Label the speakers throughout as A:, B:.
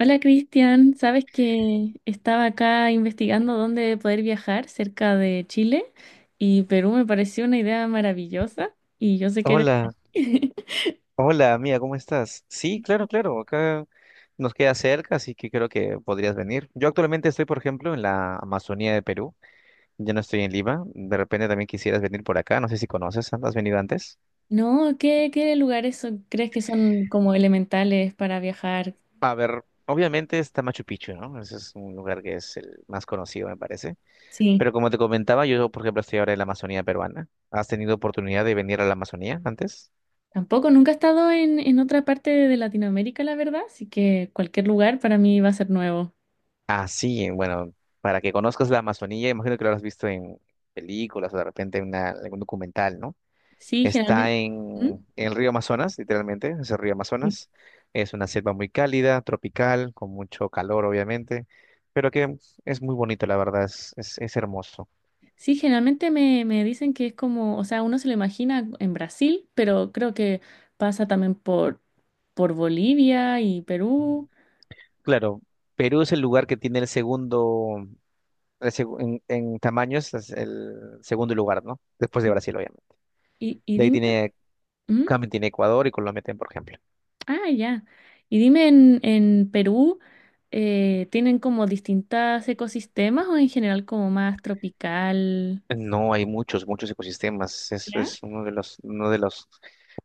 A: Hola Cristian, sabes que estaba acá investigando dónde poder viajar cerca de Chile y Perú me pareció una idea maravillosa y yo sé que eres de
B: Hola,
A: ahí.
B: hola, mía, ¿cómo estás? Sí, claro, claro, acá nos queda cerca, así que creo que podrías venir. Yo actualmente estoy, por ejemplo, en la Amazonía de Perú, ya no estoy en Lima, de repente también quisieras venir por acá, no sé si conoces, ¿has venido antes?
A: No, ¿qué lugares crees que son como elementales para viajar?
B: A ver, obviamente está Machu Picchu, ¿no? Ese es un lugar que es el más conocido, me parece.
A: Sí,
B: Pero como te comentaba, yo, por ejemplo, estoy ahora en la Amazonía peruana. ¿Has tenido oportunidad de venir a la Amazonía antes?
A: tampoco nunca he estado en otra parte de Latinoamérica, la verdad, así que cualquier lugar para mí va a ser nuevo.
B: Ah, sí, bueno, para que conozcas la Amazonía, imagino que lo habrás visto en películas o de repente en algún documental, ¿no?
A: Sí,
B: Está
A: generalmente. ¿Mm?
B: en el río Amazonas, literalmente, es el río Amazonas. Es una selva muy cálida, tropical, con mucho calor, obviamente, pero que es muy bonito, la verdad, es hermoso.
A: Sí, generalmente me dicen que es como, o sea, uno se lo imagina en Brasil, pero creo que pasa también por Bolivia y Perú.
B: Claro, Perú es el lugar que tiene el segundo, en tamaños, es el segundo lugar, ¿no? Después de Brasil, obviamente.
A: Y
B: De ahí
A: dime.
B: tiene,
A: ¿Mm?
B: también tiene Ecuador y Colombia, por ejemplo.
A: Ah, ya. Y dime, en Perú, ¿tienen como distintas ecosistemas o en general como más tropical?
B: No, hay muchos, muchos ecosistemas. Eso
A: ¿Ya?
B: es uno de los,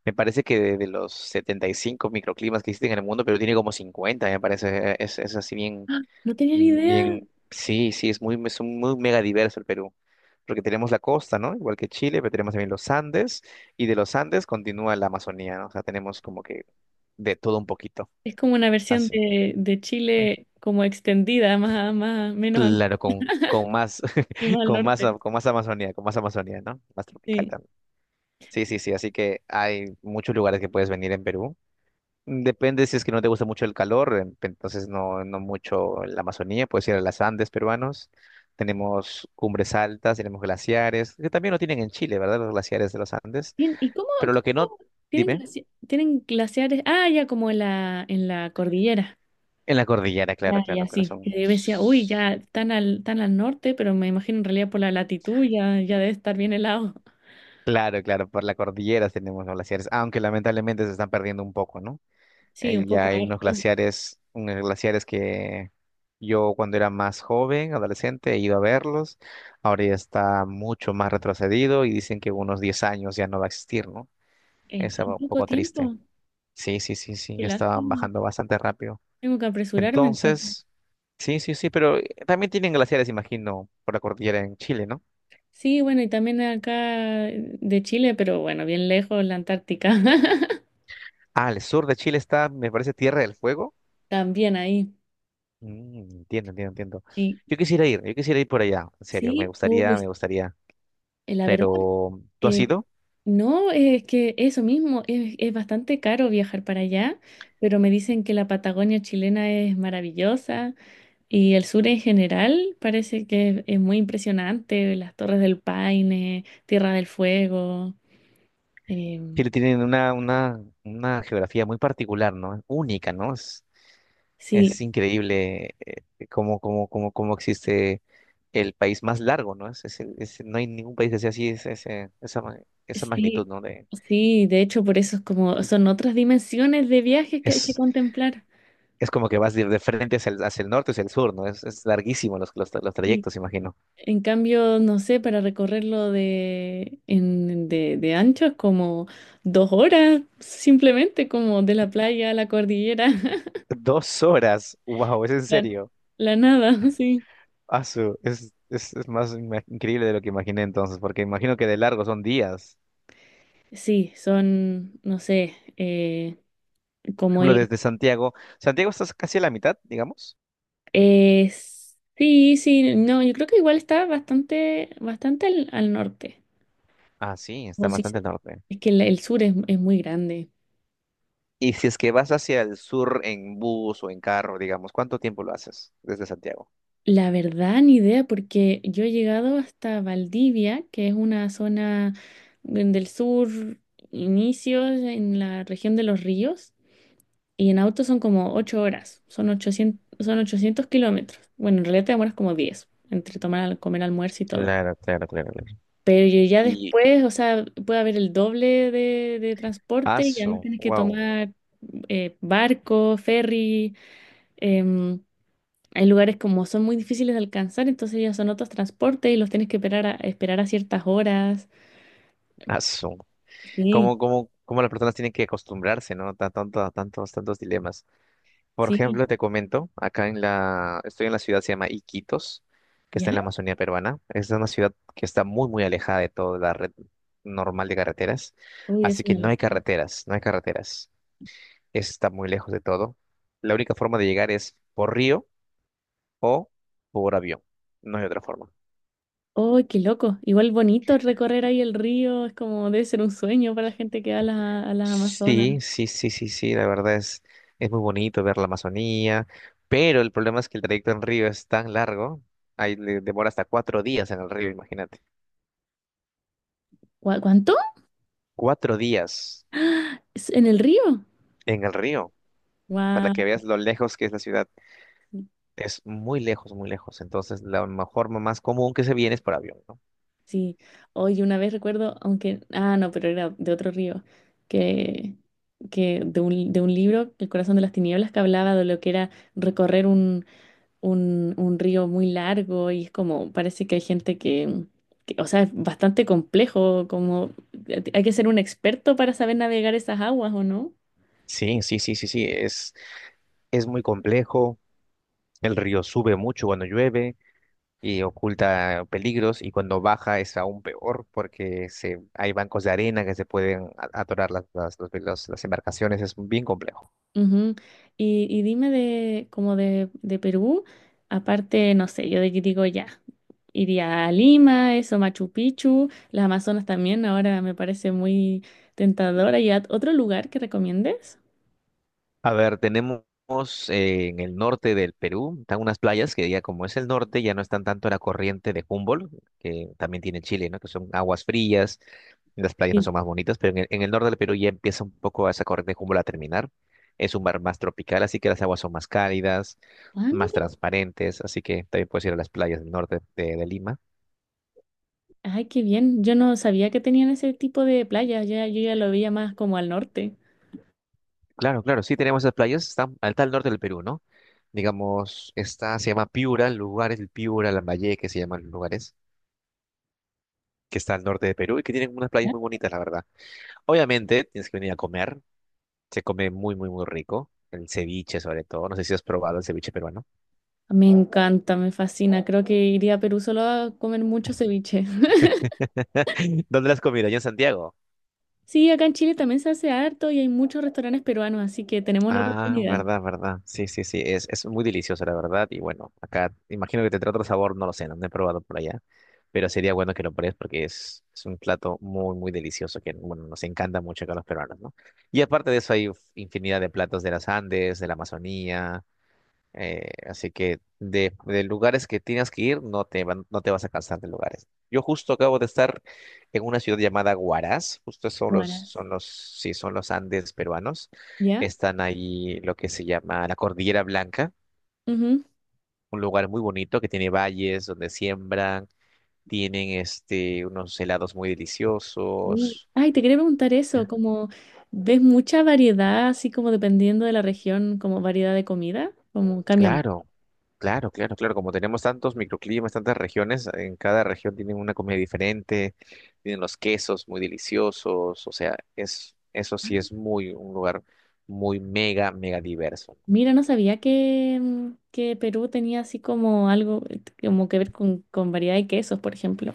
B: me parece que de los 75 microclimas que existen en el mundo, pero tiene como 50. Me parece. Es así bien,
A: No tenía ni idea.
B: bien, sí, sí, es muy mega diverso el Perú. Porque tenemos la costa, ¿no? Igual que Chile, pero tenemos también los Andes, y de los Andes continúa la Amazonía, ¿no? O sea, tenemos como que de todo un poquito.
A: Es como una versión
B: Así.
A: de
B: Mm,
A: Chile como extendida, menos angosta
B: claro, con más,
A: y más al
B: con más,
A: norte.
B: con más Amazonía, con más Amazonía, ¿no? Más tropical.
A: Sí.
B: Sí, sí, sí, así que hay muchos lugares que puedes venir en Perú. Depende si es que no te gusta mucho el calor, entonces no, no mucho la Amazonía, puedes ir a las Andes peruanos. Tenemos cumbres altas, tenemos glaciares, que también lo tienen en Chile, ¿verdad? Los glaciares de los Andes.
A: Bien, ¿y cómo,
B: Pero lo que no,
A: cómo tienen
B: dime,
A: tienen glaciares? Ah, ya, como en la cordillera.
B: en la cordillera, claro,
A: Ya,
B: claro,
A: ya,
B: pero
A: sí.
B: son.
A: Que yo decía, uy, ya tan al norte, pero me imagino en realidad por la latitud ya debe estar bien helado.
B: Claro, claro, por la cordillera tenemos los glaciares, aunque lamentablemente se están perdiendo un poco, ¿no?
A: Sí, un
B: Ya
A: poco
B: hay unos
A: harto.
B: glaciares, unos glaciares que yo cuando era más joven, adolescente, he ido a verlos. Ahora ya está mucho más retrocedido y dicen que unos 10 años ya no va a existir, ¿no?
A: En
B: Es
A: tan
B: algo un
A: poco
B: poco triste.
A: tiempo.
B: Sí, sí, sí, sí,
A: Qué
B: ya estaban
A: lástima.
B: bajando bastante rápido.
A: Tengo que apresurarme entonces.
B: Entonces, sí, sí, sí, pero también tienen glaciares, imagino, por la cordillera en Chile, ¿no?
A: Sí, bueno, y también acá, de Chile, pero bueno, bien lejos, la Antártica.
B: Ah, al sur de Chile está, me parece, Tierra del Fuego.
A: También ahí.
B: Mm, entiendo, entiendo, entiendo.
A: Sí,
B: Yo quisiera ir por allá, en serio, me
A: sí.
B: gustaría,
A: Uy,
B: me gustaría.
A: la verdad.
B: Pero tú has
A: eh,
B: ido.
A: No, es que eso mismo, es bastante caro viajar para allá, pero me dicen que la Patagonia chilena es maravillosa y el sur en general parece que es muy impresionante, las Torres del Paine, Tierra del Fuego. em,
B: Chile tiene una geografía muy particular, ¿no? Única, ¿no? Es
A: sí,
B: increíble cómo existe el país más largo, ¿no? No hay ningún país que sea así, es, ese- esa, ma- esa magnitud,
A: sí,
B: ¿no?
A: sí, de hecho por eso es como, son otras dimensiones de viajes que hay que
B: Es,
A: contemplar.
B: es como que vas de frente hacia el norte, hacia el sur, ¿no? Es larguísimo los
A: Sí.
B: trayectos, imagino.
A: En cambio, no sé, para recorrerlo de ancho es como 2 horas, simplemente como de la playa a la cordillera,
B: 2 horas, wow, es en
A: la,
B: serio.
A: la nada, sí.
B: Asu, es más increíble de lo que imaginé entonces, porque imagino que de largo son días.
A: Sí, son, no sé, como
B: Ejemplo,
A: ir.
B: desde Santiago está casi a la mitad, digamos.
A: eh, sí, sí, no, yo creo que igual está bastante, bastante al norte.
B: Ah, sí, está
A: Como si
B: bastante al
A: se-
B: norte.
A: es que el sur es muy grande.
B: Y si es que vas hacia el sur en bus o en carro, digamos, ¿cuánto tiempo lo haces desde Santiago?
A: La verdad, ni idea, porque yo he llegado hasta Valdivia, que es una zona del sur, inicios en la región de Los Ríos, y en auto son como 8 horas, son 800, son 800 kilómetros. Bueno, en realidad te demoras como 10 entre tomar, comer almuerzo y todo.
B: Claro, claro, claro, claro.
A: Pero yo ya
B: Y
A: después, o sea, puede haber el doble de transporte y además
B: aso,
A: tienes que
B: wow,
A: tomar, barco, ferry. em, Hay lugares como son muy difíciles de alcanzar, entonces ya son otros transportes y los tienes que esperar a ciertas horas.
B: aso.
A: Sí,
B: ¿Cómo las personas tienen que acostumbrarse, ¿no? Tanto, a tantos dilemas. Por
A: sí.
B: ejemplo, te comento, acá estoy en la ciudad, se llama Iquitos, que está en la
A: Ya.
B: Amazonía peruana. Es una ciudad que está muy, muy alejada de toda la red normal de carreteras,
A: Uy, es
B: así que
A: una
B: no hay
A: locura.
B: carreteras, no hay carreteras. Está muy lejos de todo. La única forma de llegar es por río o por avión. No hay otra forma.
A: Uy, qué loco. Igual bonito recorrer ahí el río, es como debe ser un sueño para la gente que va a a las Amazonas.
B: Sí, sí, sí, sí, sí, la verdad es muy bonito ver la Amazonía, pero el problema es que el trayecto en río es tan largo, ahí le demora hasta 4 días en el río, imagínate.
A: ¿Cuánto?
B: 4 días
A: ¿Es ¿En el río?
B: en el río, para
A: Wow.
B: que veas lo lejos que es la ciudad. Es muy lejos, muy lejos. Entonces, la mejor, más común que se viene es por avión, ¿no?
A: Sí. Oye, una vez recuerdo, aunque, ah, no, pero era de otro río, que, que de de un libro, El corazón de las tinieblas, que hablaba de lo que era recorrer un río muy largo y es como, parece que hay gente o sea, es bastante complejo, como, hay que ser un experto para saber navegar esas aguas, ¿o no?
B: Sí, sí, sí, sí, sí. Es muy complejo. El río sube mucho cuando llueve y oculta peligros. Y cuando baja es aún peor porque hay bancos de arena que se pueden atorar las embarcaciones. Es bien complejo.
A: Ujú. Y dime como de Perú, aparte, no sé, yo de que digo ya, iría a Lima, eso, Machu Picchu, las Amazonas también, ahora me parece muy tentadora. ¿Y a otro lugar que recomiendes?
B: A ver, tenemos en el norte del Perú, están unas playas que ya como es el norte, ya no están tanto en la corriente de Humboldt, que también tiene Chile, ¿no? Que son aguas frías, las playas no
A: Sí.
B: son más bonitas, pero en el norte del Perú ya empieza un poco esa corriente de Humboldt a terminar. Es un mar más tropical, así que las aguas son más cálidas,
A: Ah,
B: más
A: mira.
B: transparentes, así que también puedes ir a las playas del norte de Lima.
A: Ay, qué bien. Yo no sabía que tenían ese tipo de playas. Ya, yo ya lo veía más como al norte.
B: Claro, claro, sí tenemos esas playas, están al tal norte del Perú, ¿no? Digamos, está, se llama Piura, el lugar es el Piura, Lambayeque, se llaman los lugares que está al norte de Perú y que tienen unas playas
A: ¿Ya?
B: muy bonitas, la verdad. Obviamente, tienes que venir a comer. Se come muy, muy, muy rico. El ceviche, sobre todo. No sé si has probado el ceviche peruano.
A: Me encanta, me fascina. Creo que iría a Perú solo a comer mucho ceviche.
B: ¿Dónde lo has comido? Allá en Santiago.
A: Sí, acá en Chile también se hace harto y hay muchos restaurantes peruanos, así que tenemos la
B: Ah,
A: oportunidad.
B: verdad, verdad. Sí, sí, sí. Es muy delicioso, la verdad. Y bueno, acá imagino que tendrá otro sabor, no lo sé, no lo he probado por allá. Pero sería bueno que lo pruebes porque es un plato muy, muy delicioso que, bueno, nos encanta mucho acá a los peruanos, ¿no? Y aparte de eso, hay infinidad de platos de las Andes, de la Amazonía. Así que de lugares que tienes que ir, no te vas a cansar de lugares. Yo justo acabo de estar en una ciudad llamada Huaraz, justo son los,
A: Guaras.
B: son los, sí, son los Andes peruanos.
A: ¿Ya?
B: Están ahí lo que se llama la Cordillera Blanca,
A: Ujú.
B: un lugar muy bonito que tiene valles donde siembran, tienen unos helados muy deliciosos.
A: Ay, te quería preguntar eso, como ves mucha variedad, así como dependiendo de la región, como variedad de comida, como cambiamos.
B: Claro, claro, claro, claro. Como tenemos tantos microclimas, tantas regiones, en cada región tienen una comida diferente, tienen los quesos muy deliciosos, o sea, eso sí es un lugar muy mega, mega diverso.
A: Mira, no sabía que, que Perú tenía así como algo, como que ver con variedad de quesos, por ejemplo.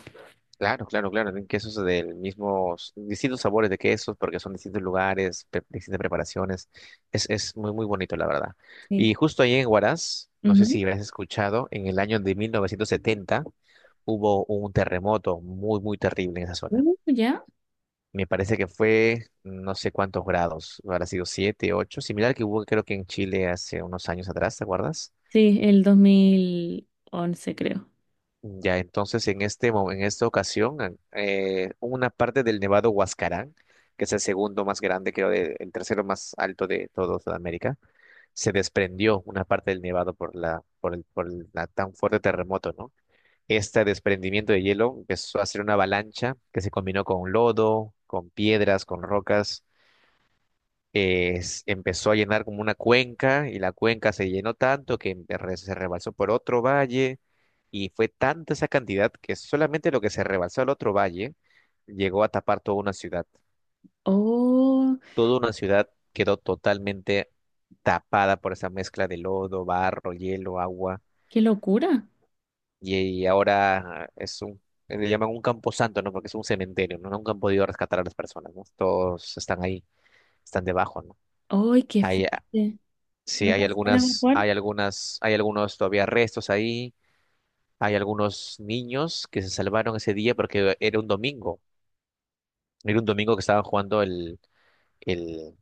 B: Claro, claro, claro. Tienen quesos del mismo, distintos sabores de quesos, porque son distintos lugares, distintas preparaciones. Es muy, muy bonito, la verdad.
A: Sí.
B: Y justo ahí en Huaraz, no sé si
A: Ujú.
B: habrás escuchado, en el año de 1970 hubo un terremoto muy, muy terrible en esa zona.
A: ¿Ya?
B: Me parece que fue no sé cuántos grados, habrá sido 7, 8, similar que hubo creo que en Chile hace unos años atrás, ¿te acuerdas?
A: Sí, el 2011, creo.
B: Ya, entonces en esta ocasión, una parte del Nevado Huascarán, que es el segundo más grande, creo, el tercero más alto de toda Sudamérica, se desprendió una parte del Nevado por la tan fuerte terremoto, ¿no? Este desprendimiento de hielo empezó a ser una avalancha que se combinó con lodo, con piedras, con rocas. Empezó a llenar como una cuenca y la cuenca se llenó tanto que se rebalsó por otro valle, y fue tanta esa cantidad que solamente lo que se rebalsó al otro valle llegó a tapar toda una ciudad.
A: Oh,
B: Toda una ciudad quedó totalmente tapada por esa mezcla de lodo, barro, hielo, agua,
A: qué locura.
B: y, y ahora es un. Le llaman un camposanto, ¿no? Porque es un cementerio, ¿no? Nunca han podido rescatar a las personas, ¿no? Todos están ahí, están debajo, ¿no?
A: ¡Ay, qué
B: Hay,
A: fuerte! ¿No
B: Sí, hay
A: alcanzaron a
B: algunas,
A: evacuar?
B: hay algunas, hay algunos todavía restos ahí, hay algunos niños que se salvaron ese día porque era un domingo que estaban jugando el,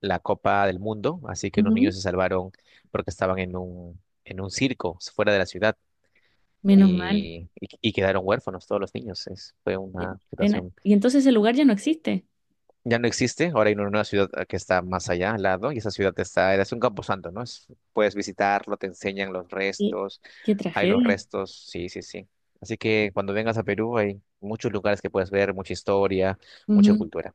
B: la Copa del Mundo, así que unos niños
A: Ujú.
B: se salvaron porque estaban en un circo fuera de la ciudad,
A: Menos mal.
B: y quedaron huérfanos todos los niños. Fue
A: Qué
B: una
A: pena.
B: situación.
A: Y entonces el lugar ya no existe.
B: Ya no existe, ahora hay una ciudad que está más allá, al lado, y esa ciudad está, es un camposanto, ¿no? Puedes visitarlo, te enseñan los
A: Qué,
B: restos,
A: qué
B: hay los
A: tragedia.
B: restos, sí, sí, sí. Así que cuando vengas a Perú hay muchos lugares que puedes ver, mucha historia, mucha
A: Ujú.
B: cultura.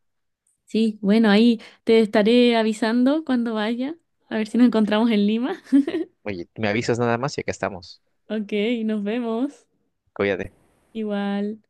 A: Sí, bueno, ahí te estaré avisando cuando vaya, a ver si nos encontramos en Lima.
B: Oye, me avisas nada más y acá estamos.
A: Ok, nos vemos.
B: Cuídate.
A: Igual.